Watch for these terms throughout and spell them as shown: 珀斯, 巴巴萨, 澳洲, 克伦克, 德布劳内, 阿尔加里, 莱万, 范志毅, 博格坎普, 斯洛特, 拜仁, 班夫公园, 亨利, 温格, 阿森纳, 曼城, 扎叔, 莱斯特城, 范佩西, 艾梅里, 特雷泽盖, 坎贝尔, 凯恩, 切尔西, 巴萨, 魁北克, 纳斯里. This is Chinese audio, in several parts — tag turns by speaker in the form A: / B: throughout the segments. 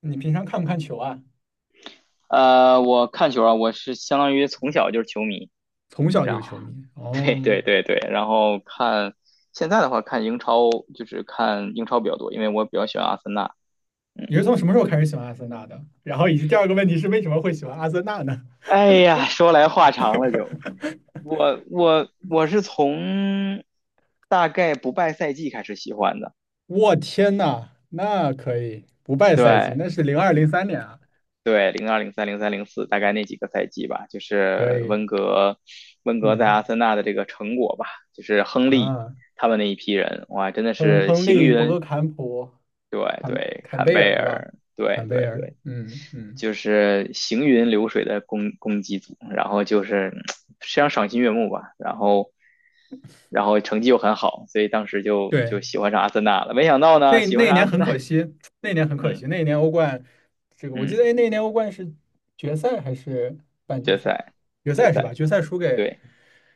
A: 你平常看不看球啊？
B: 我看球啊，我是相当于从小就是球迷，
A: 从小就
B: 然
A: 是
B: 后
A: 球迷
B: 对
A: 哦。
B: 对对对，然后现在的话看英超，就是看英超比较多，因为我比较喜欢阿森纳。
A: 你
B: 嗯，
A: 是从什么时候开始喜欢阿森纳的？然后以及第二个问题是为什么会喜欢阿森纳呢？
B: 哎呀，说来话长了就，我是从大概不败赛季开始喜欢的。
A: 我天呐，那可以不败赛季，
B: 对，
A: 那是02、03年啊，
B: 对，零二、零三、零四，大概那几个赛季吧，就
A: 可
B: 是
A: 以，
B: 温格在
A: 嗯
B: 阿森纳的这个成果吧，就是亨利
A: 啊，
B: 他们那一批人，哇，真的
A: 亨
B: 是
A: 亨
B: 行
A: 利、博
B: 云，
A: 格坎普、
B: 对
A: 坎
B: 对，
A: 坎
B: 坎
A: 贝
B: 贝
A: 尔是吧？
B: 尔，对
A: 坎贝
B: 对
A: 尔，
B: 对，
A: 嗯嗯，
B: 就是行云流水的攻击组，然后就是非常赏心悦目吧，然后成绩又很好，所以当时就
A: 对，
B: 就喜欢上阿森纳了，没想到呢，
A: 那
B: 喜欢
A: 那一
B: 上阿
A: 年
B: 森
A: 很
B: 纳。
A: 可惜，那一年很可惜，
B: 嗯
A: 那一年欧冠，这个我记得，哎，
B: 嗯，
A: 那一年欧冠是决赛还是半决
B: 决
A: 赛？
B: 赛
A: 决
B: 决
A: 赛是吧？
B: 赛，
A: 决赛输给
B: 对。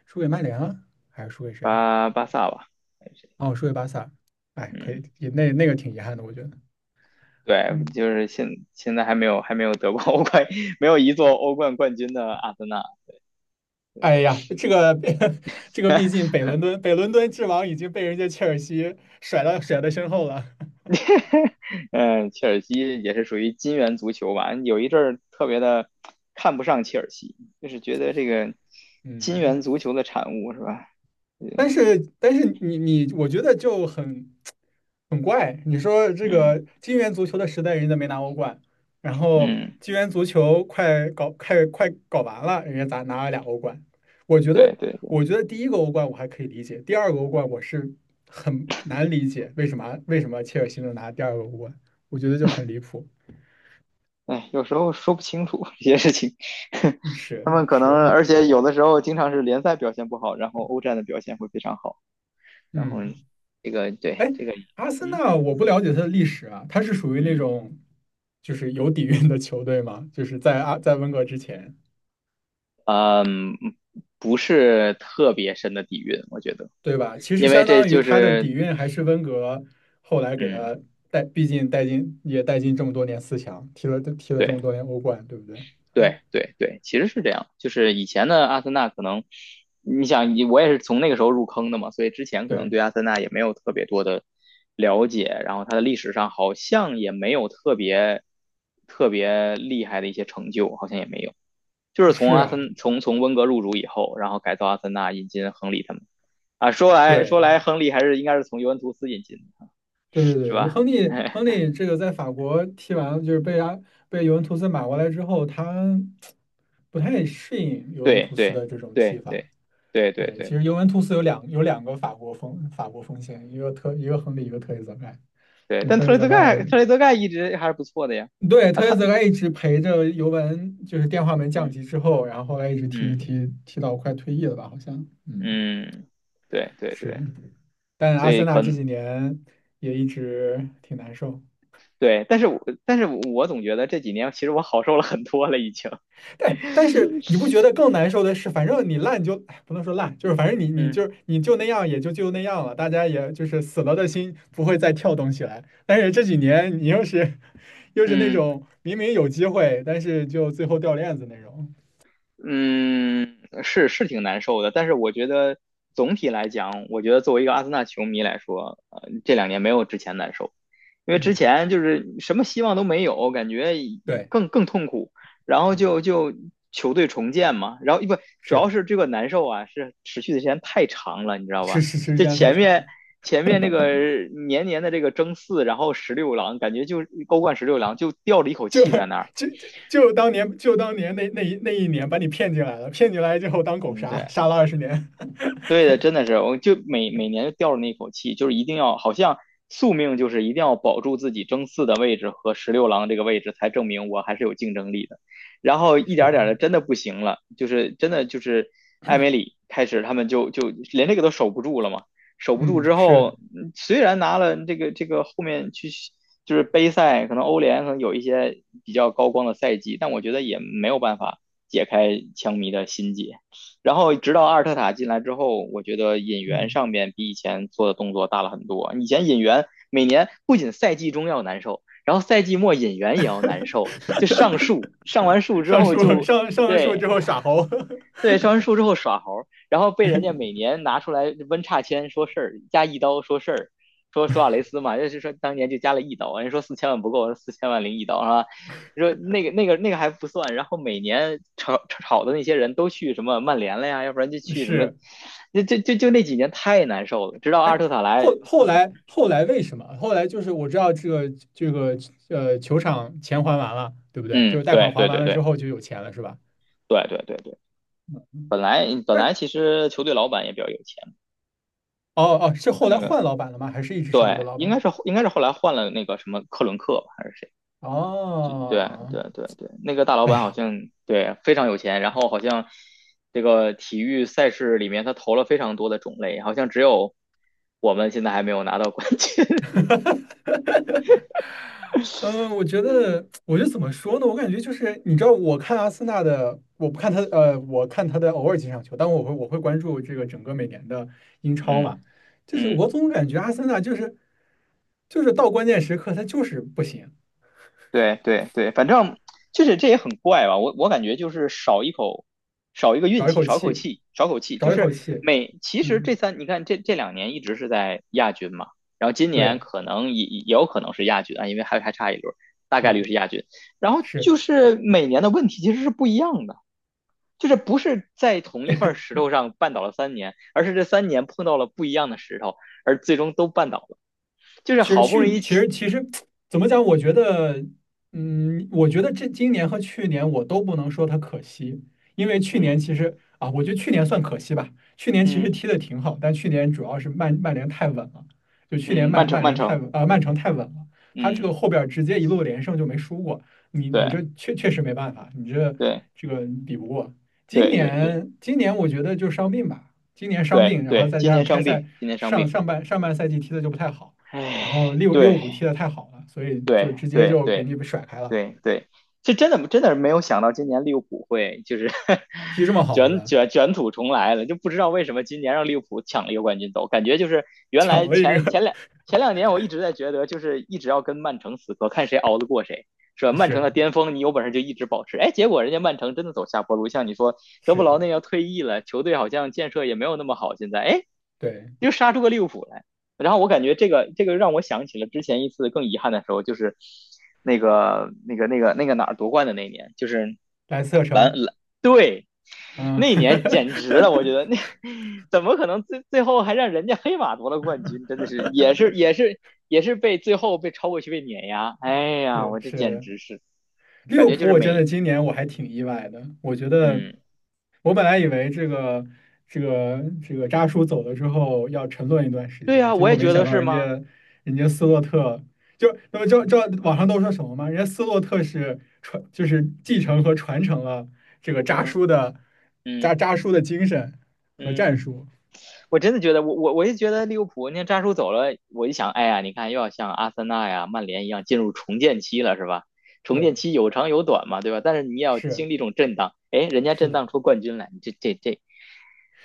A: 输给曼联了，还是输给谁？
B: 巴萨吧，还有谁。
A: 哦，输给巴萨。哎，可
B: 嗯，
A: 以，那个挺遗憾的，我觉得。
B: 对，
A: 嗯，
B: 就是现在还没有得过欧冠，没有一座欧冠冠军的阿森纳。
A: 哎呀，这个 这个，毕竟 北伦敦之王已经被人家切尔西甩在身后了。
B: 嗯，切尔西也是属于金元足球吧，有一阵儿特别的看不上切尔西，就是觉得这个 金元
A: 嗯。
B: 足球的产物是吧？嗯
A: 但是你，我觉得就很怪。你说这
B: 嗯
A: 个金元足球的时代，人家没拿欧冠，然后
B: 嗯，
A: 金元足球快搞完了，人家咋拿了俩欧冠？我觉得
B: 对对对，
A: 我觉得第一个欧冠我还可以理解，第二个欧冠我是很难理解为什么切尔西能拿第二个欧冠，我觉得就很离谱。
B: 哎，有时候说不清楚 这些事情，
A: 嗯，是，
B: 他们可能
A: 是。
B: 而且有的时候经常是联赛表现不好，然后欧战的表现会非常好。然后
A: 嗯。
B: 这个对这个，
A: 阿森
B: 嗯
A: 纳我不了解它的历史啊，它是属于那
B: 嗯，
A: 种就是有底蕴的球队嘛，就是在温格之前，
B: 不是特别深的底蕴，我觉得，
A: 对吧？其实
B: 因为
A: 相
B: 这
A: 当于
B: 就
A: 它的
B: 是。
A: 底蕴还是温格后来给
B: 嗯，
A: 他带，毕竟带进这么多年四强，踢了这么多
B: 对
A: 年欧冠，对不对？嗯，
B: 对对对，其实是这样，就是以前的阿森纳可能，你想我也是从那个时候入坑的嘛，所以之前可能
A: 对，
B: 对阿森纳也没有特别多的了解，然后它的历史上好像也没有特别特别厉害的一些成就，好像也没有。就是从
A: 是
B: 阿
A: 啊，
B: 森从从温格入主以后，然后改造阿森纳，引进亨利他们。啊，说来说
A: 对。
B: 来，亨利还是应该是从尤文图斯引进的，
A: 对对
B: 是
A: 对，
B: 吧？
A: 亨利亨 利这个在法国踢完了，就是被尤文图斯买过来之后，他不太适应尤文
B: 对
A: 图斯
B: 对
A: 的这种踢
B: 对对
A: 法，
B: 对对
A: 对，其
B: 对
A: 实尤文图斯有两个法国锋线，一个亨利，一个特雷泽盖。
B: 对，
A: 对，
B: 但
A: 特雷
B: 特雷
A: 泽
B: 泽
A: 盖，
B: 盖特雷泽盖一直还是不错的呀。
A: 对，
B: 啊，
A: 特雷泽
B: 他
A: 盖一直陪着尤文，就是电话门降
B: 嗯
A: 级之后，然后后来一直踢
B: 嗯
A: 踢踢到快退役了吧，好像，嗯，
B: 嗯，对对
A: 是。
B: 对，
A: 但
B: 所
A: 阿
B: 以
A: 森纳
B: 可
A: 这
B: 能
A: 几年也一直挺难受，
B: 对，但是我总觉得这几年其实我好受了很多了，已经。
A: 但是你不觉得更难受的是，反正你烂就，哎，不能说烂，就是反正你
B: 嗯
A: 就是你就那样，也就那样了，大家也就是死了的心不会再跳动起来。但是这几年你又是那
B: 嗯。
A: 种明明有机会，但是就最后掉链子那种。
B: 嗯，是是挺难受的，但是我觉得总体来讲，我觉得作为一个阿森纳球迷来说，这两年没有之前难受，因为之
A: 嗯，
B: 前就是什么希望都没有，感觉
A: 对，
B: 更痛苦，然后
A: 嗯，
B: 就球队重建嘛，然后不主要
A: 是，
B: 是这个难受啊，是持续的时间太长了，你知道
A: 是，
B: 吧？
A: 是，是时
B: 就
A: 间太
B: 前面
A: 长，
B: 前面那个年年的这个争四，然后十六郎，感觉就欧冠十六郎就吊着一口
A: 就
B: 气在那儿。
A: 就当年那一年把你骗进来了，骗进来之后当狗
B: 嗯，
A: 杀，
B: 对，
A: 杀了20年。
B: 对的，真的是，我就每年就吊着那一口气，就是一定要，好像宿命就是一定要保住自己争四的位置和十六郎这个位置，才证明我还是有竞争力的。然后 一点点的，
A: 是，
B: 真的不行了，就是真的就是艾梅里开始，他们就连这个都守不住了嘛，守不住
A: 嗯，
B: 之后，
A: 是，
B: 虽然拿了这个后面去就是杯赛，可能欧联可能有一些比较高光的赛季，但我觉得也没有办法解开枪迷的心结。然后直到阿尔特塔进来之后，我觉得引援
A: 嗯。
B: 上面比以前做的动作大了很多。以前引援每年不仅赛季中要难受，然后赛季末引援也要难受，就上树，上完树之后就
A: 上了树
B: 对
A: 之后耍猴
B: 对，上完树之后耍猴，然后被人家每年拿出来温差签说事儿，加一刀说事儿，说索瓦雷斯嘛，就是说当年就加了一刀，人家说四千万不够，四千万零一刀是吧？说那个还不算，然后每年炒的那些人都去什么曼联了呀，要不然就去什么，
A: 是，
B: 就那几年太难受了，直到阿
A: 哎，
B: 尔特塔来。
A: 后来为什么？后来就是我知道这个球场钱还完了，对不对？就
B: 嗯，
A: 是贷款
B: 对
A: 还
B: 对
A: 完
B: 对
A: 了之
B: 对
A: 后就有钱了，是吧？
B: 对对对对，本来
A: 但
B: 其实球队老板也比较有钱，
A: 哦哦，是后来
B: 那个
A: 换老板了吗？还是一直是一个
B: 对，
A: 老
B: 应该
A: 板？
B: 是应该是后来换了那个什么克伦克吧还是谁？就对
A: 哦，
B: 对对对，那个大老
A: 哎
B: 板好
A: 呀，
B: 像对非常有钱，然后好像这个体育赛事里面他投了非常多的种类，好像只有我们现在还没有拿到冠军。
A: 嗯，我觉得怎么说呢？我感觉就是，你知道，我看阿森纳的，我不看他，我看他的偶尔几场球，但我会关注这个整个每年的英 超
B: 嗯
A: 嘛。就是
B: 嗯。
A: 我总感觉阿森纳就是到关键时刻他就是不行，
B: 对对对，反正就是这也很怪吧，我感觉就是少一口，少一个运
A: 少一
B: 气，
A: 口
B: 少口
A: 气，
B: 气，少口气，就
A: 少一口
B: 是
A: 气。
B: 每其实
A: 嗯，
B: 这三你看这两年一直是在亚军嘛，然后今年
A: 对，
B: 可能也有可能是亚军啊，因为还差一轮，大概率
A: 嗯，
B: 是亚军，然后
A: 是。
B: 就是每年的问题其实是不一样的。就是不是在同一块石头上绊倒了三年，而是这三年碰到了不一样的石头，而最终都绊倒了。就是好不容易
A: 其
B: 起。
A: 实其实怎么讲？我觉得，嗯，我觉得这今年和去年我都不能说它可惜，因为去年
B: 嗯
A: 其实啊，我觉得去年算可惜吧。去年其实
B: 嗯
A: 踢的挺好，但去年主要是曼联太稳了，就去年
B: 嗯，曼
A: 曼
B: 城
A: 曼
B: 曼
A: 联太
B: 城，
A: 稳，曼城太稳了，他这个
B: 嗯
A: 后边儿直接一路连胜就没输过，你这
B: 对
A: 确实没办法，你这
B: 对
A: 这个比不过。今
B: 对对对
A: 年今年我觉得就伤病吧，今年伤
B: 对
A: 病，然后
B: 对，
A: 再
B: 今
A: 加上
B: 年
A: 开
B: 伤
A: 赛
B: 病，今年伤
A: 上
B: 病，
A: 上半上半赛季踢的就不太好。然
B: 哎，
A: 后六六
B: 对
A: 五踢的太好了，所以就
B: 对
A: 直接
B: 对
A: 就给
B: 对
A: 你甩开了。
B: 对对，这真的真的是没有想到今年利物浦会就是
A: 踢这么好是
B: 卷
A: 吧？
B: 卷 卷土重来了，就不知道为什么今年让利物浦抢了一个冠军走，感觉就是原
A: 巧
B: 来
A: 了一
B: 前
A: 个，
B: 前两前两年我一直在觉得就是一直要跟曼城死磕，看谁熬得过谁。是吧？曼城
A: 是，
B: 的巅峰，你有本事就一直保持。哎，结果人家曼城真的走下坡路，像你说，德布
A: 是，
B: 劳内要退役了，球队好像建设也没有那么好。现在，哎，
A: 对，
B: 又杀出个利物浦来。然后我感觉这个让我想起了之前一次更遗憾的时候，就是那个哪儿夺冠的那一年，就是
A: 莱斯特
B: 蓝
A: 城，
B: 蓝对，
A: 嗯，
B: 那一年 简直了，我觉得那 怎么可能最后还让人家黑马夺了冠军？真的是也是被最后被超过去被碾压，哎呀，
A: 是，
B: 我这
A: 是
B: 简
A: 的，
B: 直是
A: 利
B: 感
A: 物
B: 觉就
A: 浦，
B: 是
A: 我真的
B: 美。
A: 今年我还挺意外的。我觉得，
B: 嗯
A: 我本来以为这个扎叔走了之后要沉沦一段时
B: 对
A: 间，
B: 呀、
A: 结
B: 我
A: 果
B: 也
A: 没
B: 觉
A: 想
B: 得
A: 到
B: 是
A: 人
B: 吗？
A: 家人家斯洛特就那么就网上都说什么嘛，人家斯洛特就是继承和传承了这个扎
B: 嗯
A: 叔的扎
B: 嗯
A: 扎叔的精神和
B: 嗯。
A: 战术。
B: 我真的觉得，我就觉得利物浦，你看扎叔走了，我一想，哎呀，你看又要像阿森纳呀、曼联一样进入重建期了，是吧？重
A: 对，
B: 建期有长有短嘛，对吧？但是你也要
A: 是，
B: 经历一种震荡，哎，人家
A: 是
B: 震
A: 的。
B: 荡出冠军来，你这，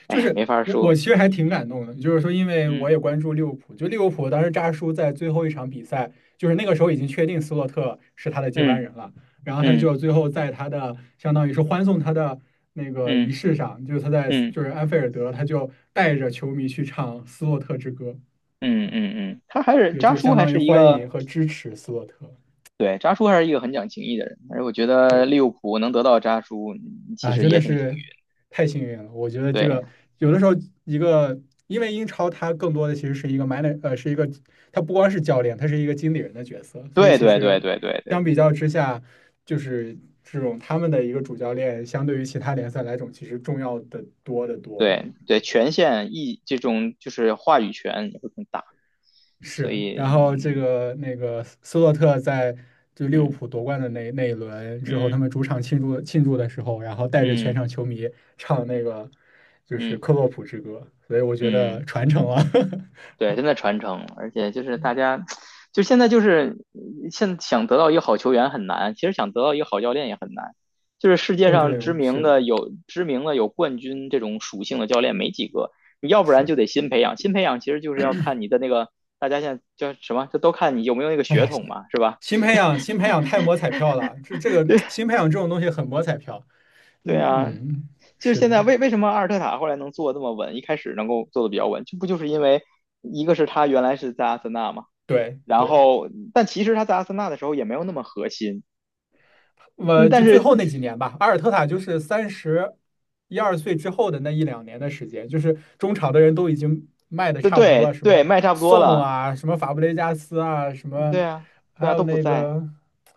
B: 哎
A: 就
B: 呀，没
A: 是
B: 法
A: 我
B: 说。
A: 其实还挺感动的，就是说，因为我
B: 嗯
A: 也关注利物浦，就利物浦当时扎叔在最后一场比赛，就是那个时候已经确定斯洛特是他的接班
B: 嗯
A: 人了，然后他
B: 嗯
A: 就最后在他的相当于是欢送他的那个仪
B: 嗯
A: 式上，就是他在
B: 嗯
A: 就是安菲尔德，他就带着球迷去唱《斯洛特之歌》，
B: 嗯
A: 啊，嗯
B: 嗯嗯，他还是
A: 就
B: 扎
A: 就
B: 叔
A: 相
B: 还
A: 当于
B: 是一
A: 欢迎
B: 个
A: 和支持斯洛特，
B: 对扎叔还是一个很讲情义的人，而且我觉得
A: 是。
B: 利物浦能得到扎叔，其
A: 啊，
B: 实
A: 真的
B: 也挺幸
A: 是
B: 运
A: 太幸运了。我觉得这个
B: 对
A: 有的时候一个，因为英超它更多的其实是一个 man，r 呃，是一个它不光是教练，它是一个经理人的角色。所以
B: 对
A: 其
B: 对对
A: 实
B: 对对
A: 相比较之下，就是这种他们的一个主教练，相对于其他联赛来种，其实重要的多得多。
B: 对对，权限意这种就是话语权也会更大，所
A: 是，然
B: 以
A: 后这个那个斯洛特在就利物
B: 嗯
A: 浦夺冠的那一轮之后，他
B: 嗯
A: 们主场庆祝庆祝的时候，然后带着全
B: 嗯
A: 场球迷唱那个就是
B: 嗯嗯，
A: 克洛普之歌，所以我觉得
B: 嗯，
A: 传承了。
B: 对，真的传承，而且就是大家，就现在就是现想得到一个好球员很难，其实想得到一个好教练也很难，就是世界
A: 哦，
B: 上
A: 对，
B: 知
A: 是
B: 名
A: 的，
B: 的有知名的有冠军这种属性的教练没几个，你要不然
A: 是。
B: 就得新培养，新培养其实就是要看你的那个。大家现在叫什么？这都看你有没有那个
A: 哎
B: 血
A: 呀，新
B: 统嘛，是吧？
A: 新培养新培养太摸彩票了，这这 个
B: 对
A: 新培养这种东西很摸彩票。
B: 对
A: 嗯
B: 啊，
A: 嗯，嗯，
B: 就是
A: 是
B: 现
A: 的，
B: 在为什么阿尔特塔后来能做这么稳，一开始能够做的比较稳，这不就是因为一个是他原来是在阿森纳嘛，
A: 对
B: 然
A: 对。
B: 后但其实他在阿森纳的时候也没有那么核心，
A: 我
B: 嗯，
A: 就
B: 但
A: 最
B: 是
A: 后那几年吧，阿尔特塔就是31、32岁之后的那一两年的时间，就是中场的人都已经卖的
B: 对
A: 差不多了，
B: 对
A: 什
B: 对，
A: 么
B: 卖差不多
A: 宋
B: 了，
A: 啊，什么法布雷加斯啊，什么
B: 对啊
A: 还
B: 对啊
A: 有
B: 都不
A: 那
B: 在
A: 个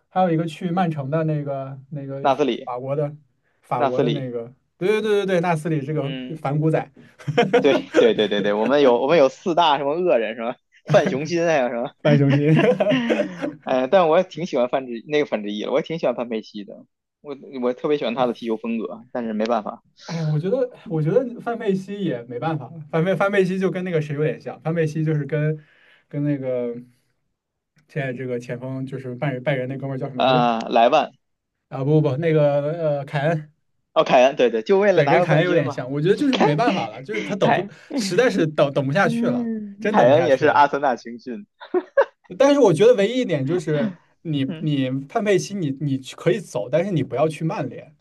A: 还有一个去曼城的那个
B: 纳斯里
A: 法国的法
B: 纳
A: 国
B: 斯
A: 的那
B: 里，
A: 个，对对对对对，纳斯里这个
B: 嗯，
A: 反骨仔，
B: 对对对对 对，我们有四大什么恶人什么范雄心还有什么，
A: 反雄心。
B: 哎，但我也挺喜欢范志毅的，我也挺喜欢范佩西的，我我特别喜欢他的踢球风格，但是没办法。
A: 哎，我觉得范佩西也没办法。范佩西就跟那个谁有点像，范佩西就是跟那个现在这个前锋就是拜仁那哥们儿叫什么来着？
B: 啊、莱万
A: 啊，不不不，那个凯恩，
B: 哦，凯恩，对对，就为了
A: 对，
B: 拿
A: 跟
B: 个
A: 凯恩
B: 冠
A: 有
B: 军
A: 点
B: 嘛。
A: 像。我觉得就 是
B: 凯
A: 没办法了，就是他等不，
B: 凯，
A: 实在是等不下去了，
B: 嗯，
A: 真等
B: 凯
A: 不
B: 恩
A: 下
B: 也
A: 去
B: 是
A: 了。
B: 阿森纳青训，
A: 但是我觉得唯一一点就是你，
B: 嗯，
A: 你范佩西你去可以走，但是你不要去曼联。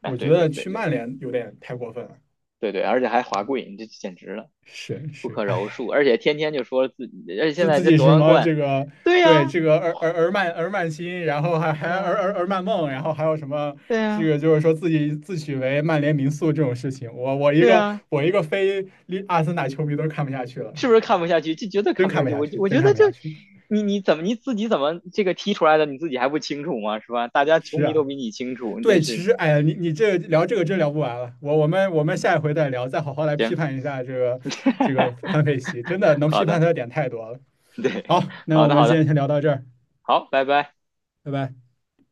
B: 哎，
A: 我觉
B: 对对
A: 得
B: 对
A: 去
B: 对
A: 曼
B: 对
A: 联有点太过分了。
B: 对对，而且还华贵，你这简直了，
A: 是
B: 不
A: 是，
B: 可饶
A: 哎。
B: 恕！而且天天就说自己，而且现
A: 自
B: 在
A: 自
B: 这
A: 己是
B: 夺
A: 什
B: 完
A: 么
B: 冠，
A: 这个
B: 对
A: 对
B: 呀、
A: 这个而而而曼心，然后还而
B: 嗯，
A: 而而曼梦，然后还有什么
B: 对
A: 这
B: 呀、
A: 个就是说自己自诩为曼联名宿这种事情，
B: 对呀、
A: 我一个非利阿森纳球迷都看不下去了，
B: 是不是看不下去？就绝对
A: 真
B: 看不
A: 看
B: 下
A: 不
B: 去。
A: 下
B: 我
A: 去，
B: 我
A: 真
B: 觉
A: 看
B: 得
A: 不
B: 就
A: 下去。
B: 你自己怎么这个踢出来的，你自己还不清楚吗？是吧？大家球
A: 是
B: 迷都
A: 啊，
B: 比你清楚，你
A: 对，
B: 真
A: 其
B: 是
A: 实哎呀，你这聊这个真聊不完了，我们下一回再聊，再好好来批
B: 行，
A: 判一下这个 这个范佩西，真的能批
B: 好
A: 判
B: 的，
A: 他的点太多了。
B: 对，
A: 好，那
B: 好
A: 我
B: 的
A: 们
B: 好
A: 今天
B: 的。
A: 先聊到这儿，
B: 好，拜拜。
A: 拜拜。